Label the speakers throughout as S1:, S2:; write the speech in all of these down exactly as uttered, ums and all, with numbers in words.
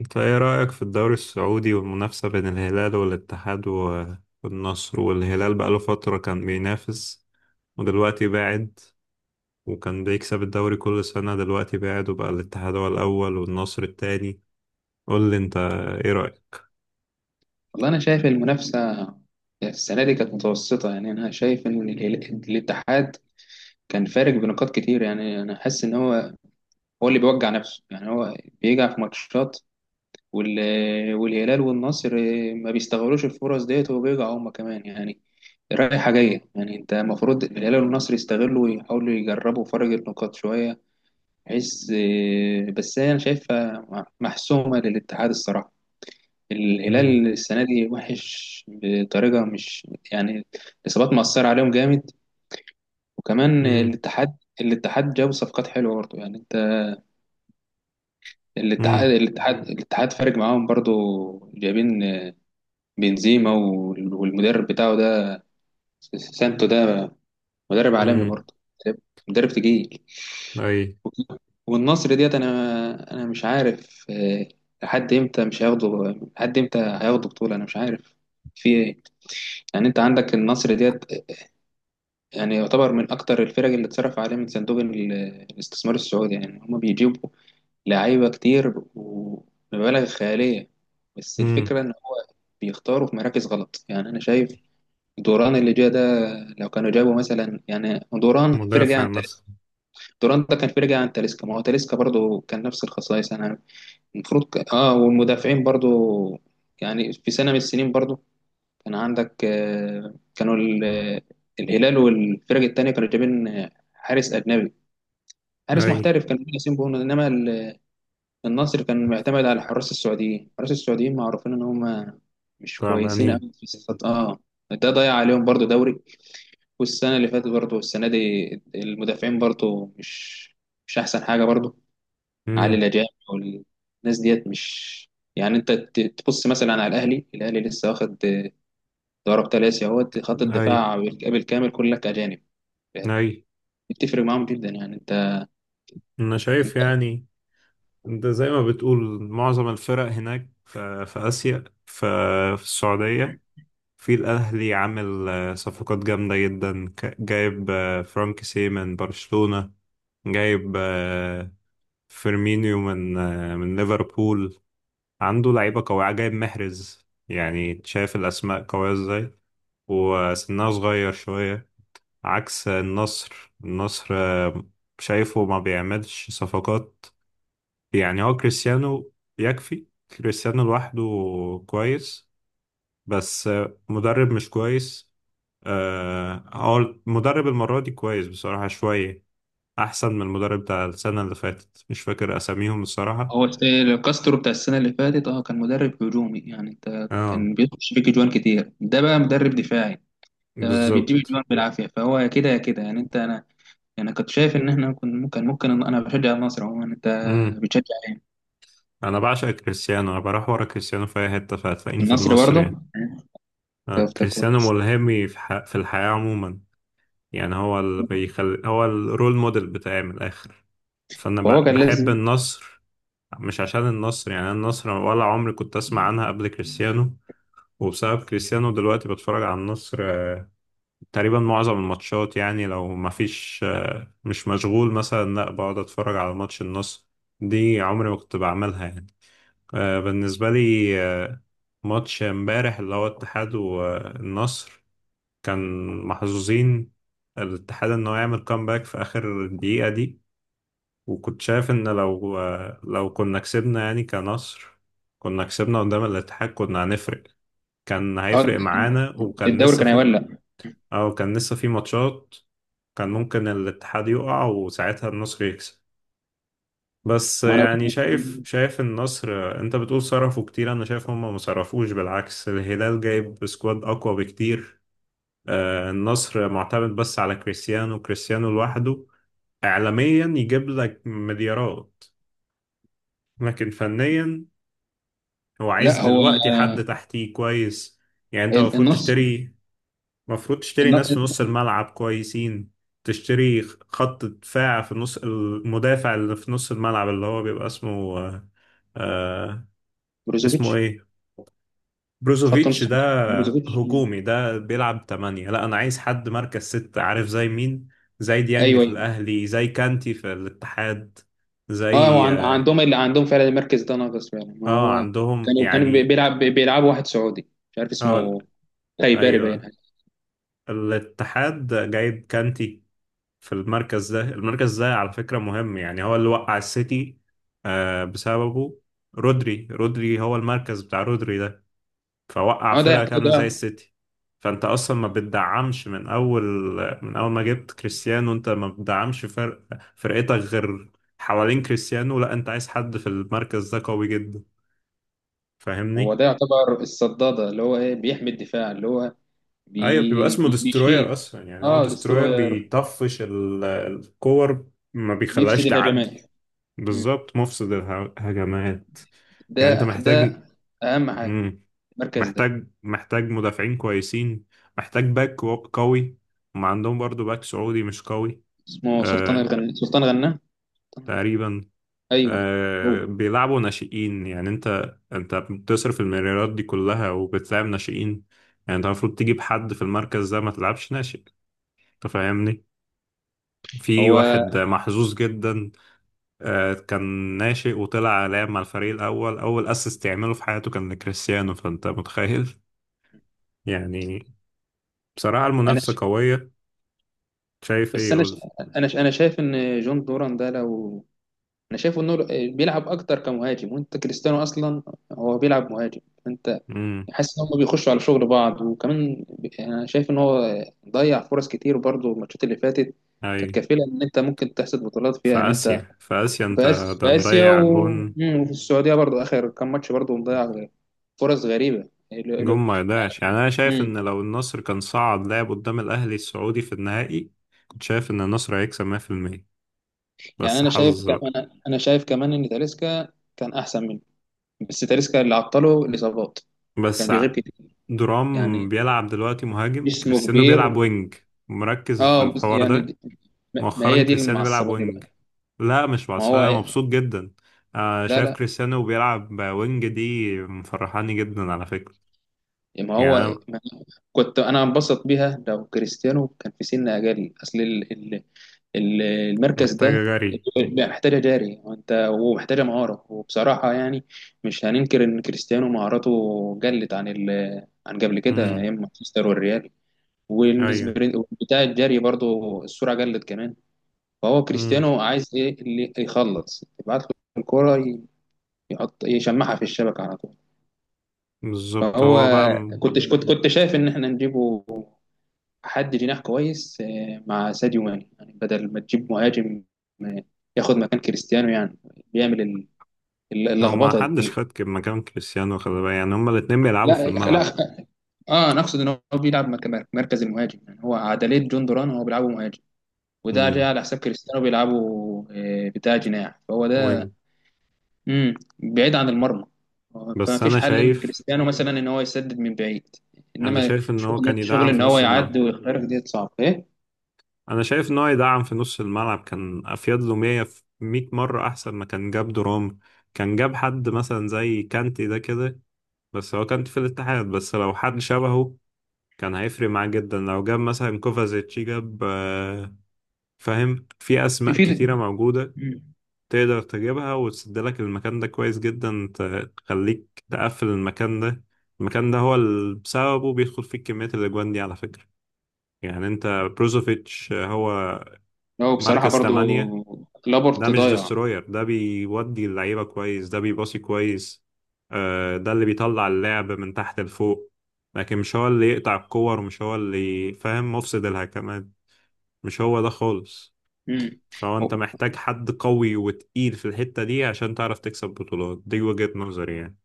S1: انت ايه رأيك في الدوري السعودي والمنافسة بين الهلال والاتحاد و- والنصر؟ والهلال بقاله فترة كان بينافس ودلوقتي باعد، وكان بيكسب الدوري كل سنة، دلوقتي باعد وبقى الاتحاد هو الأول والنصر التاني. قول لي انت، ايه رأيك؟
S2: والله أنا شايف المنافسة السنة دي كانت متوسطة، يعني أنا شايف إن ال- الاتحاد كان فارق بنقاط كتير. يعني أنا حاسس إن هو هو اللي بيوجع نفسه، يعني هو بيجع في ماتشات، وال- والهلال والنصر ما بيستغلوش الفرص ديت وبيجعوا هما كمان. يعني رايحة جاية، يعني أنت المفروض الهلال والنصر يستغلوا ويحاولوا يجربوا فرق النقاط شوية بحيث، بس أنا شايفها محسومة للاتحاد الصراحة.
S1: امم.
S2: الهلال السنة دي وحش بطريقة مش يعني. الإصابات مأثرة عليهم جامد، وكمان
S1: امم.
S2: الاتحاد الاتحاد جاب صفقات حلوة برضه يعني انت. الاتحاد
S1: امم.
S2: الاتحاد الاتحاد فارق معاهم برضه. جايبين بنزيما وال- والمدرب بتاعه ده، سانتو ده، مدرب عالمي
S1: امم.
S2: برضه، مدرب تقيل.
S1: اي.
S2: والنصر ديت انا انا مش عارف، آه، لحد امتى مش هياخدوا، لحد امتى هياخدوا بطولة انا مش عارف في ايه. يعني انت عندك النصر ديت يعني يعتبر من أكتر الفرق اللي اتصرف عليه من صندوق ال- الاستثمار السعودي. يعني هما بيجيبوا لعيبة كتير ومبالغ خيالية، بس
S1: امم.
S2: الفكرة إن هما بيختاروا في مراكز غلط. يعني أنا شايف دوران اللي جه ده، لو كانوا جابوا مثلا يعني دوران فرق
S1: مدافع
S2: عن
S1: مثلا.
S2: تاليسكا. دوران ده كان فرق عن تاليسكا، ما هو تاليسكا برضه كان نفس الخصائص يعني. المفروض ك... اه والمدافعين برضه، يعني في سنة من السنين برضه كان عندك، آه، كانوا ال- آه، الهلال والفرق التانية كانوا جايبين آه، حارس أجنبي، حارس
S1: اي.
S2: محترف كان ياسين بونو. إنما ال- النصر كان معتمد على حراس السعوديين. حراس السعوديين معروفين إن هم مش
S1: طبعا.
S2: كويسين أوي في الصفات. آه ده ضيع عليهم برضو دوري، والسنة اللي فاتت برضو، والسنة دي المدافعين برضو مش مش أحسن حاجة برضو علي
S1: امم.
S2: الأجانب، والناس ديت مش يعني. أنت ت- تبص مثلا على الأهلي. الأهلي لسه واخد ضرب ثلاثي اهوت خط
S1: اي.
S2: الدفاع بالكامل، كلك اجانب
S1: اي.
S2: بتفرق معاهم جدا يعني انت
S1: انا شايف
S2: انت.
S1: يعني، انت زي ما بتقول معظم الفرق هناك في, في آسيا، في, في السعودية، في الأهلي، عامل آه، صفقات جامدة جدا، ك- جايب آه، فرانكيسي من برشلونة، جايب آه، فيرمينيو من آه، من ليفربول، عنده لعيبة قوية، جايب محرز. يعني شايف الأسماء قوية ازاي؟ وسنها صغير شوية. عكس النصر. النصر آه، شايفه ما بيعملش صفقات. يعني هو كريستيانو يكفي، كريستيانو لوحده كويس، بس مدرب مش كويس. آه، هو المدرب المرة دي كويس بصراحة شوية، أحسن من المدرب بتاع السنة اللي فاتت، مش فاكر أساميهم الصراحة.
S2: هو ست- كاسترو بتاع السنه اللي فاتت، اه كان مدرب هجومي يعني انت،
S1: اه.
S2: كان بيخش فيك جوان كتير. ده بقى مدرب دفاعي، ده بيجيب
S1: بالظبط.
S2: جوان بالعافيه، فهو يا كده يا كده يعني انت انا. يعني كنت شايف ان احنا كنا ممكن ممكن. انا بشجع النصر عموما، انت
S1: امم.
S2: بتشجع ايه؟
S1: أنا بعشق كريستيانو، أنا بروح ورا كريستيانو في أي حتة، فهتلاقيني في
S2: النصر
S1: النصر
S2: برضه،
S1: يعني.
S2: انت
S1: آه،
S2: أنت
S1: كريستيانو
S2: كويس.
S1: ملهمي في ح- في الحياة عموما. يعني هو اللي بيخلي، هو الرول موديل بتاعي من الآخر، فأنا
S2: فهو
S1: ب-
S2: كان
S1: بحب
S2: لازم.
S1: النصر، مش عشان النصر. يعني أنا النصر ولا عمري كنت أسمع عنها قبل كريستيانو، وبسبب كريستيانو دلوقتي بتفرج على النصر، آه، تقريبا معظم الماتشات. يعني لو ما فيش آه، مش مشغول مثلا، لا بقعد أتفرج على ماتش النصر، دي عمري ما كنت بعملها يعني. آه، بالنسبة لي آه، ماتش امبارح اللي هو الاتحاد والنصر، كان محظوظين الاتحاد إنه يعمل كامباك في آخر الدقيقة دي. وكنت شايف ان لو لو كنا كسبنا يعني كمصر، كنا كسبنا قدام الاتحاد، كنا هنفرق، كان
S2: اه
S1: هيفرق معانا، وكان
S2: الدوري
S1: لسه
S2: كان
S1: في،
S2: هيولع.
S1: او كان لسه في ماتشات، كان ممكن الاتحاد يقع وساعتها النصر يكسب. بس
S2: ما انا،
S1: يعني شايف شايف النصر، انت بتقول صرفوا كتير، انا شايف هم ما صرفوش، بالعكس الهلال جايب سكواد اقوى بكتير. آه، النصر معتمد بس على كريستيانو، كريستيانو لوحده اعلاميا يجيب لك مليارات، لكن فنيا هو عايز
S2: لا هو
S1: دلوقتي حد تحتيه كويس. يعني انت
S2: ال-
S1: المفروض
S2: النص
S1: تشتري المفروض تشتري
S2: الن-
S1: ناس في نص الملعب كويسين، تشتري خط دفاع. في نص، المدافع اللي في نص الملعب اللي هو بيبقى اسمه آه آه، اسمه
S2: بروزوفيتش،
S1: ايه،
S2: خط نص.
S1: بروزوفيتش ده
S2: بروزوفيتش. مم.
S1: هجومي، ده بيلعب تمانية، لا انا عايز حد مركز ستة. عارف زي مين؟ زي ديانج
S2: ايوه،
S1: في
S2: ايوه.
S1: الاهلي، زي كانتي في الاتحاد،
S2: اه هو
S1: زي
S2: عن-
S1: اه
S2: عندهم، اللي عندهم فعلا المركز ده ناقص فعلا. ما
S1: آه،
S2: هو
S1: عندهم
S2: كانوا كانوا بي-
S1: يعني.
S2: بيلعب بي- بيلعبوا واحد سعودي مش عارف
S1: اه،
S2: اسمه. خيباري باين
S1: ايوه.
S2: حاجه.
S1: الاتحاد جايب كانتي في المركز ده، المركز ده على فكرة مهم. يعني هو اللي وقع السيتي، آه، بسببه رودري. رودري هو المركز بتاع رودري ده، فوقع
S2: اه ده
S1: فرقة
S2: يعتبر
S1: كاملة زي
S2: ده
S1: السيتي. فانت اصلا ما بتدعمش من اول، من اول ما جبت كريستيانو انت ما بتدعمش فرق فرقتك غير حوالين كريستيانو. لا، انت عايز حد في المركز ده قوي جدا،
S2: هو
S1: فاهمني؟
S2: ده يعتبر الصداده اللي هو ايه بيحمي الدفاع اللي هو
S1: ايوه، بيبقى
S2: بي
S1: اسمه دستروير
S2: بيشيل
S1: اصلا. يعني هو
S2: اه،
S1: دستروير
S2: دستروير
S1: بيطفش ال- الكور، ما بيخليهاش
S2: بيفسد
S1: تعدي.
S2: الهجمات. مم.
S1: بالظبط، مفسد الهجمات.
S2: ده
S1: يعني انت
S2: ده
S1: محتاج،
S2: اهم حاجه
S1: مم.
S2: المركز ده.
S1: محتاج محتاج مدافعين كويسين، محتاج باك كو- قوي. هم عندهم برضو باك سعودي مش قوي.
S2: اسمه سلطان
S1: آه
S2: الغنا، سلطان غنا.
S1: تقريبا.
S2: ايوه. هو
S1: آه بيلعبوا ناشئين، يعني انت انت بتصرف المليارات دي كلها وبتلعب ناشئين. يعني انت المفروض تجيب حد في المركز ده، ما تلعبش ناشئ، انت فاهمني؟ في
S2: هو
S1: واحد محظوظ جدا، آه، كان ناشئ وطلع لاعب مع الفريق الأول، أول أسيست يعمله في حياته كان لكريستيانو، فأنت متخيل؟ يعني بصراحة
S2: انا،
S1: المنافسة قوية، شايف إيه
S2: بس انا ش...
S1: يقول.
S2: انا ش... انا شايف ان جون دوران ده، لو انا شايفه انه بيلعب اكتر كمهاجم، وانت كريستيانو اصلا هو بيلعب مهاجم. انت
S1: امم.
S2: حاسس ان هم بيخشوا على شغل بعض. وكمان ب- انا شايف ان هو ضيع فرص كتير برضه، الماتشات اللي فاتت كانت
S1: أي.
S2: كفيله ان انت ممكن تحصد بطولات
S1: في
S2: فيها، ان انت
S1: آسيا، في آسيا أنت،
S2: في آس-
S1: ده
S2: في اسيا و...
S1: مضيع جون.
S2: مم، وفي السعوديه برضه اخر كام ماتش برضه مضيع فرص غريبه ال-
S1: جون
S2: ال-
S1: ما يضيعش. يعني أنا شايف
S2: مم.
S1: إن لو النصر كان صعد لعب قدام الأهلي السعودي في النهائي، كنت شايف إن النصر هيكسب مية في المية.
S2: يعني
S1: بس
S2: انا شايف
S1: حظ.
S2: كمان انا شايف كمان ان تاليسكا كان احسن منه، بس تاليسكا اللي عطله الإصابات، كان
S1: بس
S2: بيغيب
S1: ع-
S2: كتير.
S1: درام
S2: يعني
S1: بيلعب دلوقتي مهاجم،
S2: جسمه
S1: كريستيانو
S2: كبير.
S1: بيلعب وينج، مركز في
S2: اه بس
S1: الحوار
S2: يعني
S1: ده.
S2: دي- ما ما
S1: مؤخرا
S2: هي دي اللي
S1: كريستيانو بيلعب
S2: معصباني
S1: وينج.
S2: بقى.
S1: لا، مش
S2: ما هو
S1: بعصاية، مبسوط
S2: إيه؟
S1: جدا. آه
S2: لا،
S1: شايف
S2: لا.
S1: كريستيانو بيلعب وينج، دي مفرحاني جدا على فكرة.
S2: يعني ما
S1: يعني
S2: هو
S1: أنا،
S2: ما كنت انا انبسط بيها لو كريستيانو كان في سن اجل. اصل ال- ال- ال- المركز
S1: محتاجة
S2: ده
S1: جري.
S2: بقى محتاجه جاري وانت، ومحتاجه مهاره. وبصراحه يعني مش هننكر ان كريستيانو مهاراته قلت عن ال عن قبل كده
S1: امم.
S2: ايام مانشستر والريال،
S1: أيوه.
S2: والسبرنت بتاع الجري برضو السرعه قلت كمان. فهو
S1: امم.
S2: كريستيانو عايز ايه اللي يخلص يبعت له الكرة، ي- يحط يشمعها في الشبكة على طول.
S1: بالظبط.
S2: فهو
S1: هو بقى م-
S2: كنت كنت كنت شايف ان احنا نجيبه حد جناح كويس، آه، مع ساديو ماني، يعني بدل ما تجيب مهاجم آه، ياخد مكان كريستيانو. يعني بيعمل ال- ال-
S1: هو ما
S2: اللخبطة
S1: حدش
S2: دي.
S1: خد ك- مكان كريستيانو، خلي بالك، يعني هما الاتنين بيلعبوا في
S2: لا، لا.
S1: الملعب.
S2: اه، انا اقصد ان هو بيلعب مك- مك- مركز المهاجم. يعني هو عدلية جون دوران هو بيلعبه مهاجم، وده جاي
S1: امم.
S2: على حساب كريستيانو بيلعبه آه، بتاع جناح، فهو ده.
S1: وينج.
S2: امم. بعيد عن المرمى. فما
S1: بس
S2: فيش
S1: أنا
S2: حل ان
S1: شايف
S2: كريستيانو مثلا ان هو يسدد من بعيد،
S1: أنا
S2: انما
S1: شايف إن هو
S2: شغل
S1: كان
S2: شغل
S1: يدعم في
S2: ان هو
S1: نص الملعب.
S2: يعدي ويخترق ديت صعب ايه.
S1: انا شايف ان هو يدعم في نص الملعب كان افيد له مية في مية مره، احسن ما كان جاب درام. كان جاب حد مثلا زي كانتي ده كده، بس هو كانتي في الاتحاد، بس لو حد شبهه كان هيفرق معاه جدا. لو جاب مثلا كوفازيتش، جاب آه، فاهم، في
S2: في
S1: اسماء
S2: في
S1: كتيره موجوده
S2: مم.
S1: تقدر تجيبها وتسد لك المكان ده كويس جدا، ت- تخليك تقفل المكان ده. المكان ده هو اللي بسببه بيدخل فيه كميه الاجوان دي على فكره. يعني انت، بروزوفيتش آه، هو
S2: هو بصراحه
S1: مركز
S2: برضو
S1: تمانية، ده
S2: لابورت
S1: مش
S2: ضايع.
S1: دستروير. ده بيودي اللعيبة كويس، ده بيباصي كويس، آه، ده اللي بيطلع اللعب من تحت لفوق، لكن مش هو اللي يقطع الكور، ومش هو اللي، فاهم، مفسد الهجمات، مش هو ده خالص.
S2: امم.
S1: فهو انت محتاج حد قوي وتقيل في الحتة دي عشان تعرف تكسب بطولات، دي وجهة نظري يعني،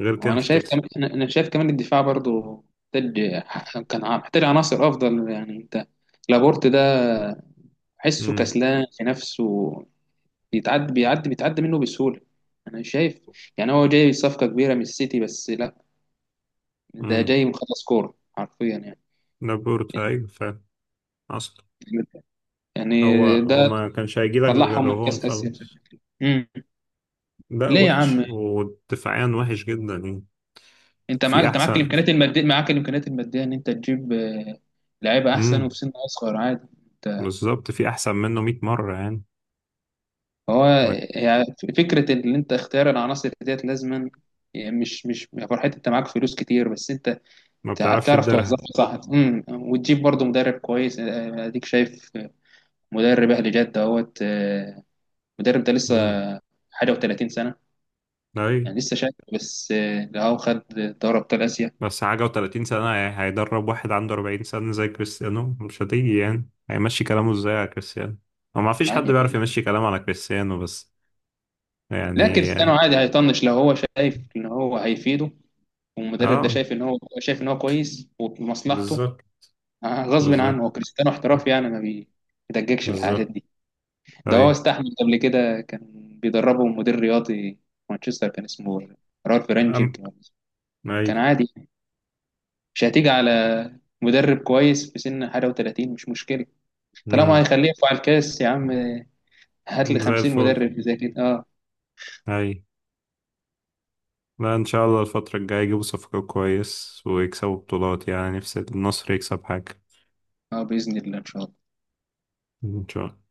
S1: غير كده
S2: وانا
S1: مش
S2: شايف
S1: هتكسب.
S2: كمان انا أنا شايف كمان الدفاع برضو محتاج، كان ع- محتاج عناصر افضل يعني انت. لابورت ده حسه
S1: امم.
S2: كسلان في نفسه، بيتعدي بيعدي بيتعدي منه بسهوله. انا شايف يعني هو جاي صفقه كبيره من السيتي، بس لا، ده
S1: امم.
S2: جاي مخلص كورة حرفيا يعني.
S1: لابورتا،
S2: يعني
S1: ايوه فعلا. اصلا
S2: يعني
S1: هو
S2: ده
S1: هو ما كانش هيجيلك غير
S2: طلعهم من
S1: وهو
S2: كأس آسيا بشكل
S1: مخلص.
S2: كبير. امم.
S1: ده
S2: ليه يا
S1: وحش،
S2: عم؟
S1: ودفاعيا وحش جدا يعني.
S2: انت معاك
S1: في
S2: انت معاك
S1: احسن.
S2: الامكانيات المادية، معاك الامكانيات المادية ان انت تجيب آه، لعيبة احسن
S1: امم.
S2: وفي سن اصغر عادي. انت
S1: بالظبط، في احسن منه مية مره يعني.
S2: هو
S1: ما
S2: يعني فكرة ان انت اختيار العناصر ديت لازما. يعني مش مش يا فرحتي انت معاك فلوس كتير، بس انت
S1: ما
S2: تع-
S1: بتعرفش
S2: تعرف
S1: تديرها.
S2: توظفها صح. امم وتجيب برضه مدرب كويس، آه، اديك شايف، آه، مدرب اهلي جدة اهوت. آه، المدرب ده
S1: امم.
S2: لسه حاجة و30 سنة،
S1: اي.
S2: يعني لسه شايف بس آه، لو هو خد دوري ابطال اسيا
S1: بس حاجه و30 سنه، هي- هيدرب واحد عنده أربعين سنه زي كريستيانو، مش هتيجي. يعني هيمشي كلامه ازاي على كريستيانو؟ هو ما فيش
S2: عادي
S1: حد بيعرف
S2: يعني.
S1: يمشي كلامه على كريستيانو بس،
S2: لا
S1: يعني.
S2: كريستيانو عادي هيطنش لو هو شايف ان هو هيفيده، والمدرب ده
S1: اه.
S2: شايف ان هو شايف ان هو كويس وفي مصلحته.
S1: بالظبط.
S2: آه، غصب عنه،
S1: بالظبط.
S2: هو كريستيانو احترافي يعني ما بيدققش في الحاجات
S1: بالظبط.
S2: دي. ده هو
S1: اي.
S2: استحمل قبل كده، كان بيدربه مدير رياضي في مانشستر كان اسمه رالف
S1: أم...
S2: رانجيك. كان
S1: اي.
S2: عادي. مش هتيجي على مدرب كويس في سن حاجه و30 مش مشكله، طالما
S1: امم.
S2: هيخليه يرفع الكاس. يا عم هات لي
S1: زي
S2: خمسين
S1: الفل.
S2: مدرب زي كده آه.
S1: اي. لا ان شاء الله الفتره الجايه يجيبوا صفقه كويس ويكسبوا بطولات، يعني نفسي النصر يكسب حاجه.
S2: اه، بإذن الله إن شاء الله.
S1: ان شاء الله.